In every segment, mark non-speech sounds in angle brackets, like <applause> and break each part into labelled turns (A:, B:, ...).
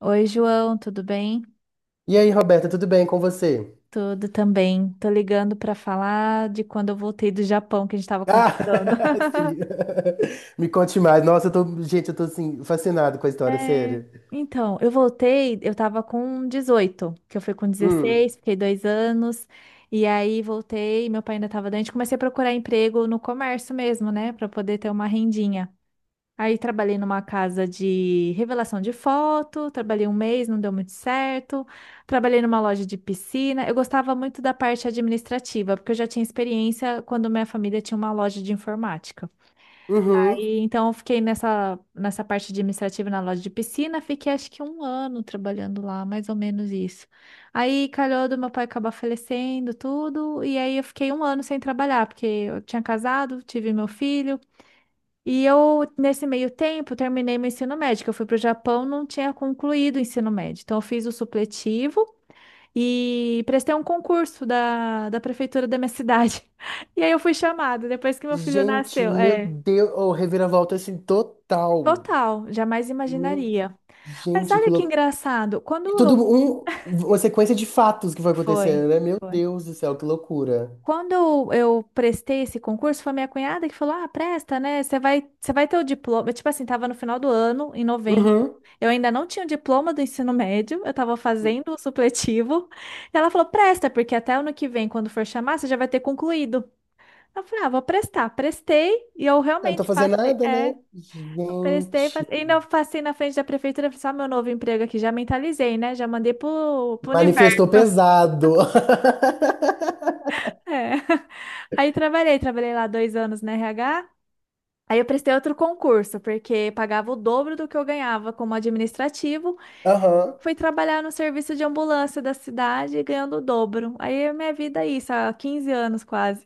A: Oi, João, tudo bem?
B: E aí, Roberta, tudo bem com você?
A: Tudo também. Tô ligando para falar de quando eu voltei do Japão que a gente estava conversando.
B: Ah, <laughs> sim.
A: <laughs>
B: Me conte mais. Nossa, eu tô, gente, eu tô assim, fascinado com a história,
A: É,
B: sério.
A: então, eu voltei, eu tava com 18, que eu fui com
B: Hum,
A: 16, fiquei 2 anos, e aí voltei, meu pai ainda tava doente, comecei a procurar emprego no comércio mesmo, né, para poder ter uma rendinha. Aí trabalhei numa casa de revelação de foto, trabalhei um mês, não deu muito certo. Trabalhei numa loja de piscina. Eu gostava muito da parte administrativa, porque eu já tinha experiência quando minha família tinha uma loja de informática.
B: uhum.
A: Aí, então eu fiquei nessa parte administrativa na loja de piscina, fiquei acho que um ano trabalhando lá, mais ou menos isso. Aí calhou do meu pai acabar falecendo, tudo, e aí eu fiquei um ano sem trabalhar, porque eu tinha casado, tive meu filho. E eu, nesse meio tempo, terminei meu ensino médio, que eu fui para o Japão, não tinha concluído o ensino médio. Então, eu fiz o supletivo e prestei um concurso da prefeitura da minha cidade. <laughs> E aí eu fui chamada, depois que meu filho
B: Gente,
A: nasceu.
B: meu
A: É,
B: Deus, oh, reviravolta assim total.
A: total, jamais
B: Meu,
A: imaginaria. Mas
B: gente, que
A: olha que
B: loucura.
A: engraçado, quando
B: E tudo
A: eu...
B: um, uma sequência de fatos que foi acontecendo,
A: Foi,
B: né? Meu
A: foi.
B: Deus do céu, que loucura.
A: Quando eu prestei esse concurso, foi minha cunhada que falou: Ah, presta, né? Você vai ter o diploma. Tipo assim, tava no final do ano, em novembro.
B: Uhum.
A: Eu ainda não tinha o diploma do ensino médio, eu tava fazendo o supletivo. E ela falou: Presta, porque até ano que vem, quando for chamar, você já vai ter concluído. Eu falei: Ah, vou prestar. Prestei e eu
B: Eu não tô
A: realmente
B: fazendo
A: passei.
B: nada, né?
A: É, eu prestei,
B: Gente,
A: passei. Ainda eu passei na frente da prefeitura e falei: Só meu novo emprego aqui, já mentalizei, né? Já mandei pro universo.
B: manifestou
A: <laughs>
B: pesado.
A: É. Aí trabalhei, trabalhei lá 2 anos na RH. Aí eu prestei outro concurso, porque pagava o dobro do que eu ganhava como administrativo.
B: <laughs> Aham.
A: Fui trabalhar no serviço de ambulância da cidade, ganhando o dobro. Aí a minha vida é isso, há 15 anos quase.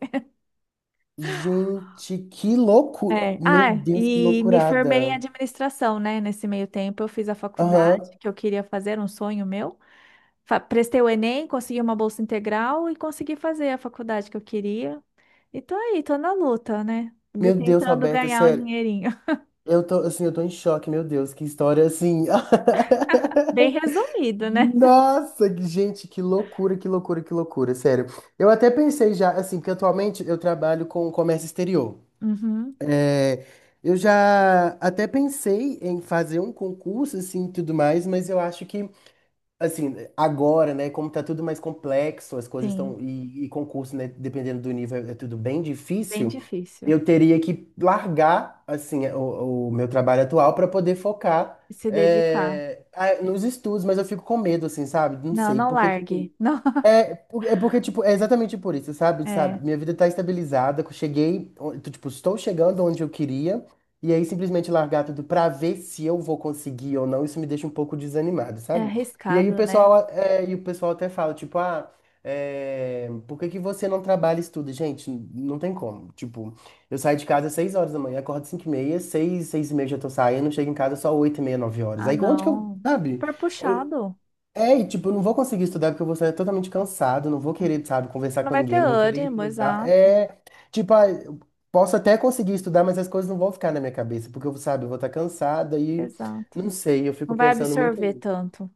B: Gente, que loucura!
A: É. Ah,
B: Meu Deus, que
A: e me formei em
B: loucurada!
A: administração, né? Nesse meio tempo eu fiz a faculdade
B: Aham.
A: que eu queria fazer, um sonho meu. Prestei o Enem, consegui uma bolsa integral e consegui fazer a faculdade que eu queria. E tô aí, tô na luta, né?
B: Meu Deus,
A: Tentando
B: Roberta,
A: ganhar o
B: sério.
A: dinheirinho. <laughs>
B: Eu tô, assim, eu tô em choque, meu Deus, que história assim. <laughs>
A: Bem resumido, né?
B: Nossa, gente, que loucura, que loucura, que loucura, sério. Eu até pensei já, assim, porque atualmente eu trabalho com comércio exterior.
A: Uhum,
B: É, eu já até pensei em fazer um concurso, assim, e tudo mais, mas eu acho que assim, agora, né, como tá tudo mais complexo, as coisas
A: sim.
B: estão. E concurso, né, dependendo do nível, é tudo bem
A: Bem
B: difícil.
A: difícil
B: Eu teria que largar, assim, é, o meu trabalho atual para poder focar
A: se dedicar.
B: é, nos estudos, mas eu fico com medo, assim, sabe? Não
A: Não,
B: sei,
A: não
B: porque, tipo,
A: largue. <laughs>
B: é, é porque, tipo, é exatamente por isso, sabe?
A: Não. É,
B: Sabe? Minha vida tá estabilizada, que eu cheguei, tô, tipo, estou chegando onde eu queria, e aí simplesmente largar tudo pra ver se eu vou conseguir ou não, isso me deixa um pouco desanimado,
A: é
B: sabe? E aí o
A: arriscado, né?
B: pessoal, é, e o pessoal até fala, tipo, ah, é, por que que você não trabalha e estuda? Gente, não tem como. Tipo, eu saio de casa às 6 horas da manhã, acordo 5:30, 6, 6:30 já tô saindo, chego em casa só 8:30, 9 horas.
A: Ah,
B: Aí onde que eu,
A: não.
B: sabe?
A: Super puxado.
B: É, e tipo, eu não vou conseguir estudar porque eu vou estar totalmente cansado, não vou
A: É.
B: querer, sabe,
A: Você
B: conversar
A: não
B: com
A: vai ter
B: ninguém, não vou querer
A: ânimo,
B: entrosar.
A: exato.
B: É, tipo, ah, eu posso até conseguir estudar, mas as coisas não vão ficar na minha cabeça, porque eu, sabe, eu vou estar cansada e
A: Exato.
B: não sei, eu fico
A: Não vai
B: pensando muito
A: absorver
B: nisso.
A: tanto.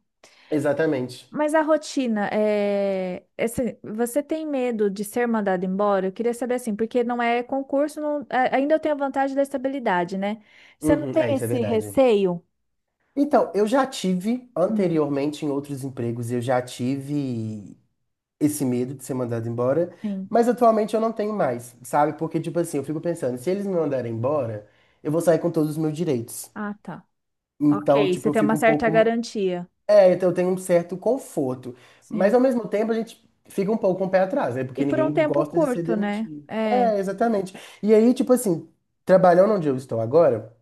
B: Exatamente.
A: Mas a rotina, é... você tem medo de ser mandado embora? Eu queria saber assim, porque não é concurso, ainda eu tenho a vantagem da estabilidade, né? Você não
B: Uhum,
A: tem
B: é, isso é
A: esse
B: verdade.
A: receio?
B: Então, eu já tive
A: Hum,
B: anteriormente em outros empregos, eu já tive esse medo de ser mandado embora,
A: sim.
B: mas atualmente eu não tenho mais, sabe? Porque, tipo assim, eu fico pensando, se eles me mandarem embora, eu vou sair com todos os meus direitos.
A: Ah, tá.
B: Então,
A: Ok,
B: tipo,
A: você
B: eu
A: tem uma
B: fico um
A: certa
B: pouco.
A: garantia.
B: É, então eu tenho um certo conforto. Mas
A: Sim.
B: ao mesmo tempo a gente fica um pouco com o pé atrás, né?
A: E
B: Porque
A: por um
B: ninguém
A: tempo
B: gosta de ser
A: curto, né?
B: demitido.
A: É.
B: É, exatamente. E aí, tipo assim, trabalhando onde eu estou agora,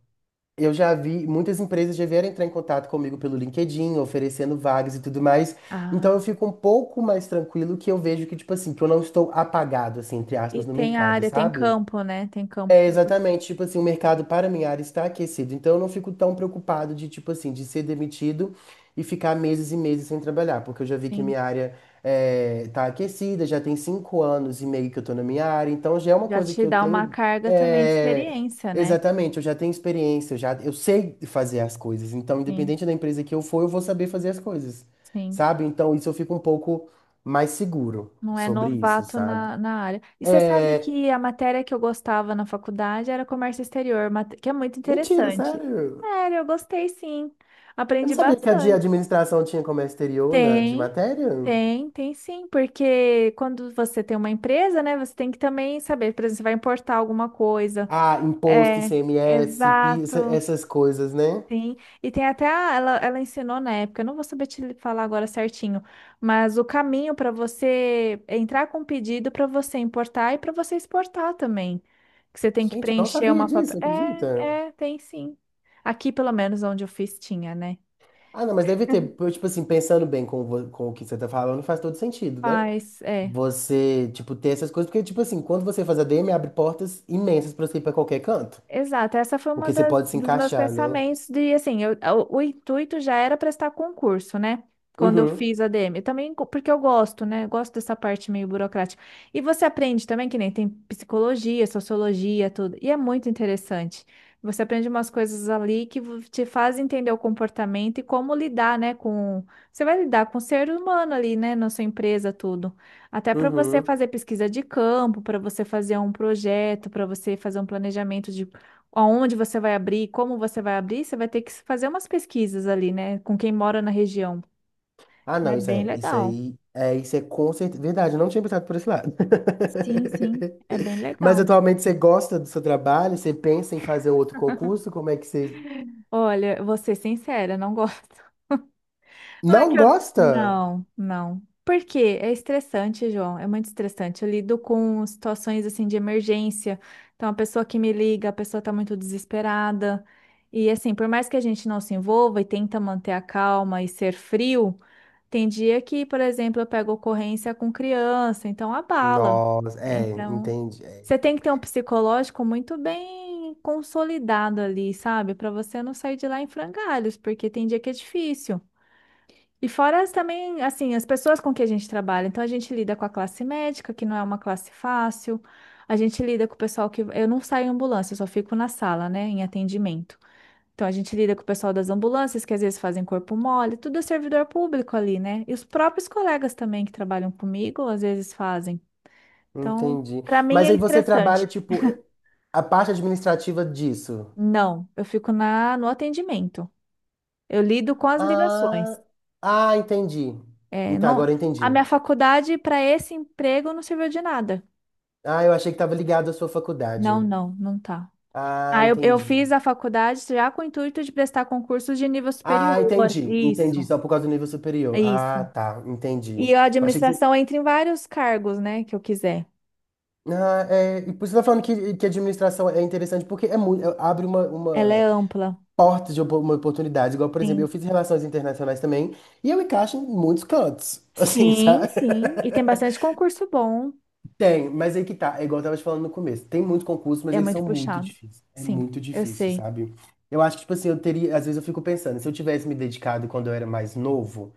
B: eu já vi, muitas empresas já vieram entrar em contato comigo pelo LinkedIn, oferecendo vagas e tudo mais. Então eu
A: Ah,
B: fico um pouco mais tranquilo que eu vejo que, tipo assim, que eu não estou apagado, assim, entre
A: e
B: aspas, no
A: tem
B: mercado,
A: área, tem
B: sabe?
A: campo, né? Tem campo
B: É,
A: para você.
B: exatamente, tipo assim, o mercado para minha área está aquecido, então eu não fico tão preocupado de, tipo assim, de ser demitido e ficar meses e meses sem trabalhar, porque eu já vi que
A: Sim.
B: minha área é, tá aquecida, já tem 5 anos e meio que eu tô na minha área, então já é uma
A: Já
B: coisa que
A: te
B: eu
A: dá uma
B: tenho,
A: carga também de
B: é,
A: experiência, né?
B: exatamente, eu já tenho experiência, eu já, eu sei fazer as coisas, então
A: Sim,
B: independente da empresa que eu for, eu vou saber fazer as coisas,
A: sim.
B: sabe? Então isso eu fico um pouco mais seguro
A: Não é
B: sobre isso,
A: novato
B: sabe?
A: na área. E você sabe
B: É,
A: que a matéria que eu gostava na faculdade era comércio exterior, que é muito
B: mentira,
A: interessante.
B: sério.
A: Sério, eu gostei sim.
B: Eu
A: Aprendi
B: não sabia que a de
A: bastante.
B: administração tinha comércio exterior na, de
A: Tem,
B: matéria.
A: tem, tem sim, porque quando você tem uma empresa, né, você tem que também saber, por exemplo, você vai importar alguma coisa.
B: Ah, imposto,
A: É,
B: ICMS, PIS,
A: exato.
B: essas coisas, né?
A: Sim. E tem até ela, ela ensinou na época, eu não vou saber te falar agora certinho, mas o caminho para você entrar com pedido para você importar e para você exportar também. Que você tem que
B: Gente, eu não
A: preencher
B: sabia
A: uma papel.
B: disso, acredita?
A: É, é, tem sim. Aqui, pelo menos onde eu fiz, tinha, né?
B: Ah, não, mas deve ter, tipo assim, pensando bem com, com o que você tá falando, faz todo sentido, né?
A: Mas, é.
B: Você, tipo, ter essas coisas, porque, tipo assim, quando você faz a ADM, abre portas imensas pra você ir pra qualquer canto.
A: Exato, essa foi uma
B: Porque você pode se
A: dos meus
B: encaixar, né?
A: pensamentos de assim, o intuito já era prestar concurso, né? Quando eu
B: Uhum,
A: fiz a DM, eu também porque eu gosto, né? Eu gosto dessa parte meio burocrática. E você aprende também que nem tem psicologia, sociologia, tudo. E é muito interessante. Você aprende umas coisas ali que te faz entender o comportamento e como lidar, né, com você vai lidar com o ser humano ali, né, na sua empresa, tudo. Até para você
B: uhum.
A: fazer pesquisa de campo, para você fazer um projeto, para você fazer um planejamento de aonde você vai abrir, como você vai abrir, você vai ter que fazer umas pesquisas ali, né, com quem mora na região.
B: Ah,
A: Então é
B: não, isso
A: bem
B: é, isso
A: legal.
B: aí, é, isso é com certeza, verdade, eu não tinha pensado por esse lado.
A: Sim, sim, é bem
B: <laughs> Mas
A: legal.
B: atualmente você gosta do seu trabalho? Você pensa em fazer um outro concurso? Como é que você
A: Olha, eu vou ser sincera, não gosto. <laughs> Não é
B: não
A: que eu.
B: gosta?
A: Não, não. Por quê? É estressante, João. É muito estressante. Eu lido com situações assim de emergência. Então, a pessoa que me liga, a pessoa tá muito desesperada. E assim, por mais que a gente não se envolva e tenta manter a calma e ser frio. Tem dia que, por exemplo, eu pego ocorrência com criança, então abala.
B: Nossa,
A: É,
B: é,
A: então,
B: entendi, é,
A: você tem que ter um psicológico muito bem consolidado ali, sabe? Para você não sair de lá em frangalhos, porque tem dia que é difícil. E fora as também, assim, as pessoas com que a gente trabalha. Então, a gente lida com a classe médica, que não é uma classe fácil. A gente lida com o pessoal que. Eu não saio em ambulância, eu só fico na sala, né, em atendimento. Então a gente lida com o pessoal das ambulâncias, que às vezes fazem corpo mole, tudo é servidor público ali, né? E os próprios colegas também que trabalham comigo, às vezes fazem. Então,
B: entendi.
A: para mim
B: Mas
A: é
B: aí você
A: estressante.
B: trabalha, tipo, é, a parte administrativa disso.
A: Não, eu fico no atendimento. Eu lido com as
B: Ah,
A: ligações.
B: ah, entendi.
A: É,
B: Então,
A: não,
B: agora eu
A: a
B: entendi.
A: minha faculdade para esse emprego não serviu de nada.
B: Ah, eu achei que estava ligado à sua faculdade.
A: Não, não, não tá.
B: Ah,
A: Ah, eu
B: entendi.
A: fiz a faculdade já com o intuito de prestar concursos de nível
B: Ah,
A: superior.
B: entendi,
A: Isso,
B: entendi. Só por causa do nível superior. Ah,
A: isso.
B: tá, entendi.
A: E
B: Eu
A: a
B: achei que você.
A: administração entra em vários cargos, né, que eu quiser.
B: Ah, é, e por isso você tá falando que administração é interessante, porque é muito, abre
A: Ela é
B: uma
A: ampla,
B: porta de uma oportunidade. Igual, por exemplo, eu
A: sim.
B: fiz relações internacionais também, e eu encaixo em muitos cantos, <laughs> assim,
A: Sim,
B: sabe?
A: sim. E tem bastante concurso bom.
B: Tem, mas aí que tá, é igual eu tava te falando no começo. Tem muitos concursos, mas
A: É
B: eles são
A: muito
B: muito
A: puxado.
B: difíceis. É
A: Sim,
B: muito
A: eu
B: difícil,
A: sei.
B: sabe? Eu acho que, tipo assim, eu teria. Às vezes eu fico pensando, se eu tivesse me dedicado quando eu era mais novo.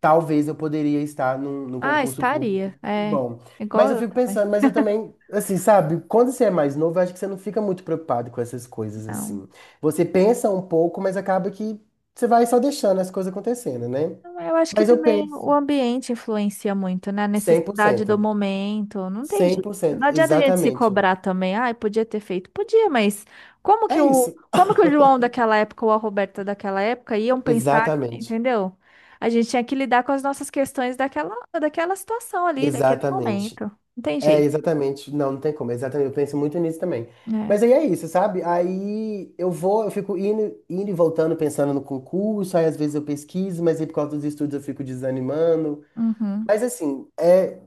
B: Talvez eu poderia estar num,
A: Ah,
B: concurso público
A: estaria.
B: muito
A: É.
B: bom. Mas
A: Igual
B: eu
A: eu
B: fico
A: também.
B: pensando, mas eu também, assim, sabe, quando você é mais novo, eu acho que você não fica muito preocupado com essas coisas,
A: Não.
B: assim. Você pensa um pouco, mas acaba que você vai só deixando as coisas acontecendo, né?
A: Eu acho que
B: Mas eu
A: também o
B: penso
A: ambiente influencia muito, né? A
B: cem cem por
A: necessidade do
B: cento
A: momento. Não tem
B: cem
A: jeito.
B: por cento
A: Não adianta a gente se
B: exatamente.
A: cobrar também. Ai, podia ter feito. Podia, mas como que
B: É
A: o,
B: isso.
A: como que o João daquela época ou a Roberta daquela época iam pensar,
B: Exatamente.
A: entendeu? A gente tinha que lidar com as nossas questões daquela situação ali, daquele
B: Exatamente.
A: momento. Não tem
B: É,
A: jeito.
B: exatamente. Não, não tem como. Exatamente. Eu penso muito nisso também. Mas
A: Né.
B: aí é isso, sabe? Aí eu vou, eu fico indo, indo e voltando, pensando no concurso, aí às vezes eu pesquiso, mas aí por causa dos estudos eu fico desanimando.
A: Uhum.
B: Mas assim, é,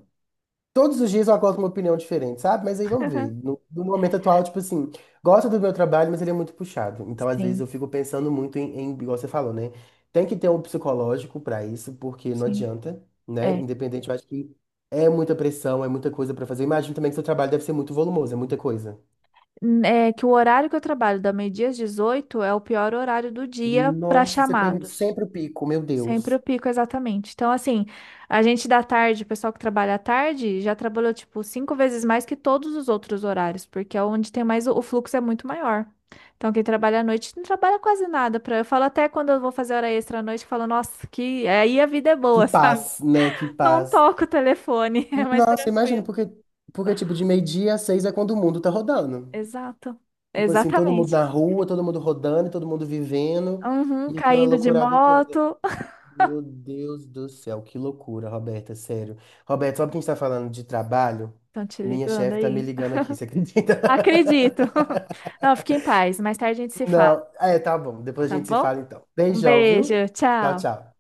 B: todos os dias eu acordo com uma opinião diferente, sabe? Mas aí vamos ver. No momento atual, tipo assim, gosto do meu trabalho, mas ele é muito puxado. Então, às vezes,
A: Sim,
B: eu fico pensando muito igual você falou, né? Tem que ter um psicológico pra isso, porque não
A: sim.
B: adianta, né?
A: É.
B: Independente, eu acho que é muita pressão, é muita coisa pra fazer. Imagino também que seu trabalho deve ser muito volumoso, é muita coisa.
A: É que o horário que eu trabalho, da meio-dia às 18, é o pior horário do dia para
B: Nossa, você pega
A: chamados.
B: sempre o pico, meu
A: Sempre
B: Deus.
A: o pico, exatamente. Então, assim, a gente da tarde, o pessoal que trabalha à tarde, já trabalhou, tipo, 5 vezes mais que todos os outros horários, porque é onde tem mais, o fluxo é muito maior. Então, quem trabalha à noite não trabalha quase nada. Pra... Eu falo até quando eu vou fazer hora extra à noite, eu falo, nossa, que aí a vida é
B: Que
A: boa, <laughs> sabe?
B: paz, né? Que
A: Não
B: paz.
A: toco o telefone, <laughs> é mais
B: Nossa, imagina,
A: tranquilo.
B: porque, porque tipo, de meio-dia a seis é quando o mundo tá rodando.
A: Exato.
B: Tipo assim, todo mundo
A: Exatamente.
B: na rua, todo mundo rodando, todo mundo vivendo
A: Uhum,
B: e aquela
A: caindo de
B: loucurada toda.
A: moto.
B: Meu Deus do céu, que loucura, Roberta, sério. Roberta, sabe que a gente tá falando de trabalho?
A: Estão te
B: Minha
A: ligando
B: chefe tá me
A: aí?
B: ligando aqui, você acredita?
A: Acredito. <laughs> Não, fique em paz. Mais tarde a gente
B: <laughs>
A: se fala.
B: Não, é, tá bom, depois a
A: Tá
B: gente se
A: bom?
B: fala então.
A: Um
B: Beijão,
A: beijo,
B: viu? Tchau,
A: tchau.
B: tchau.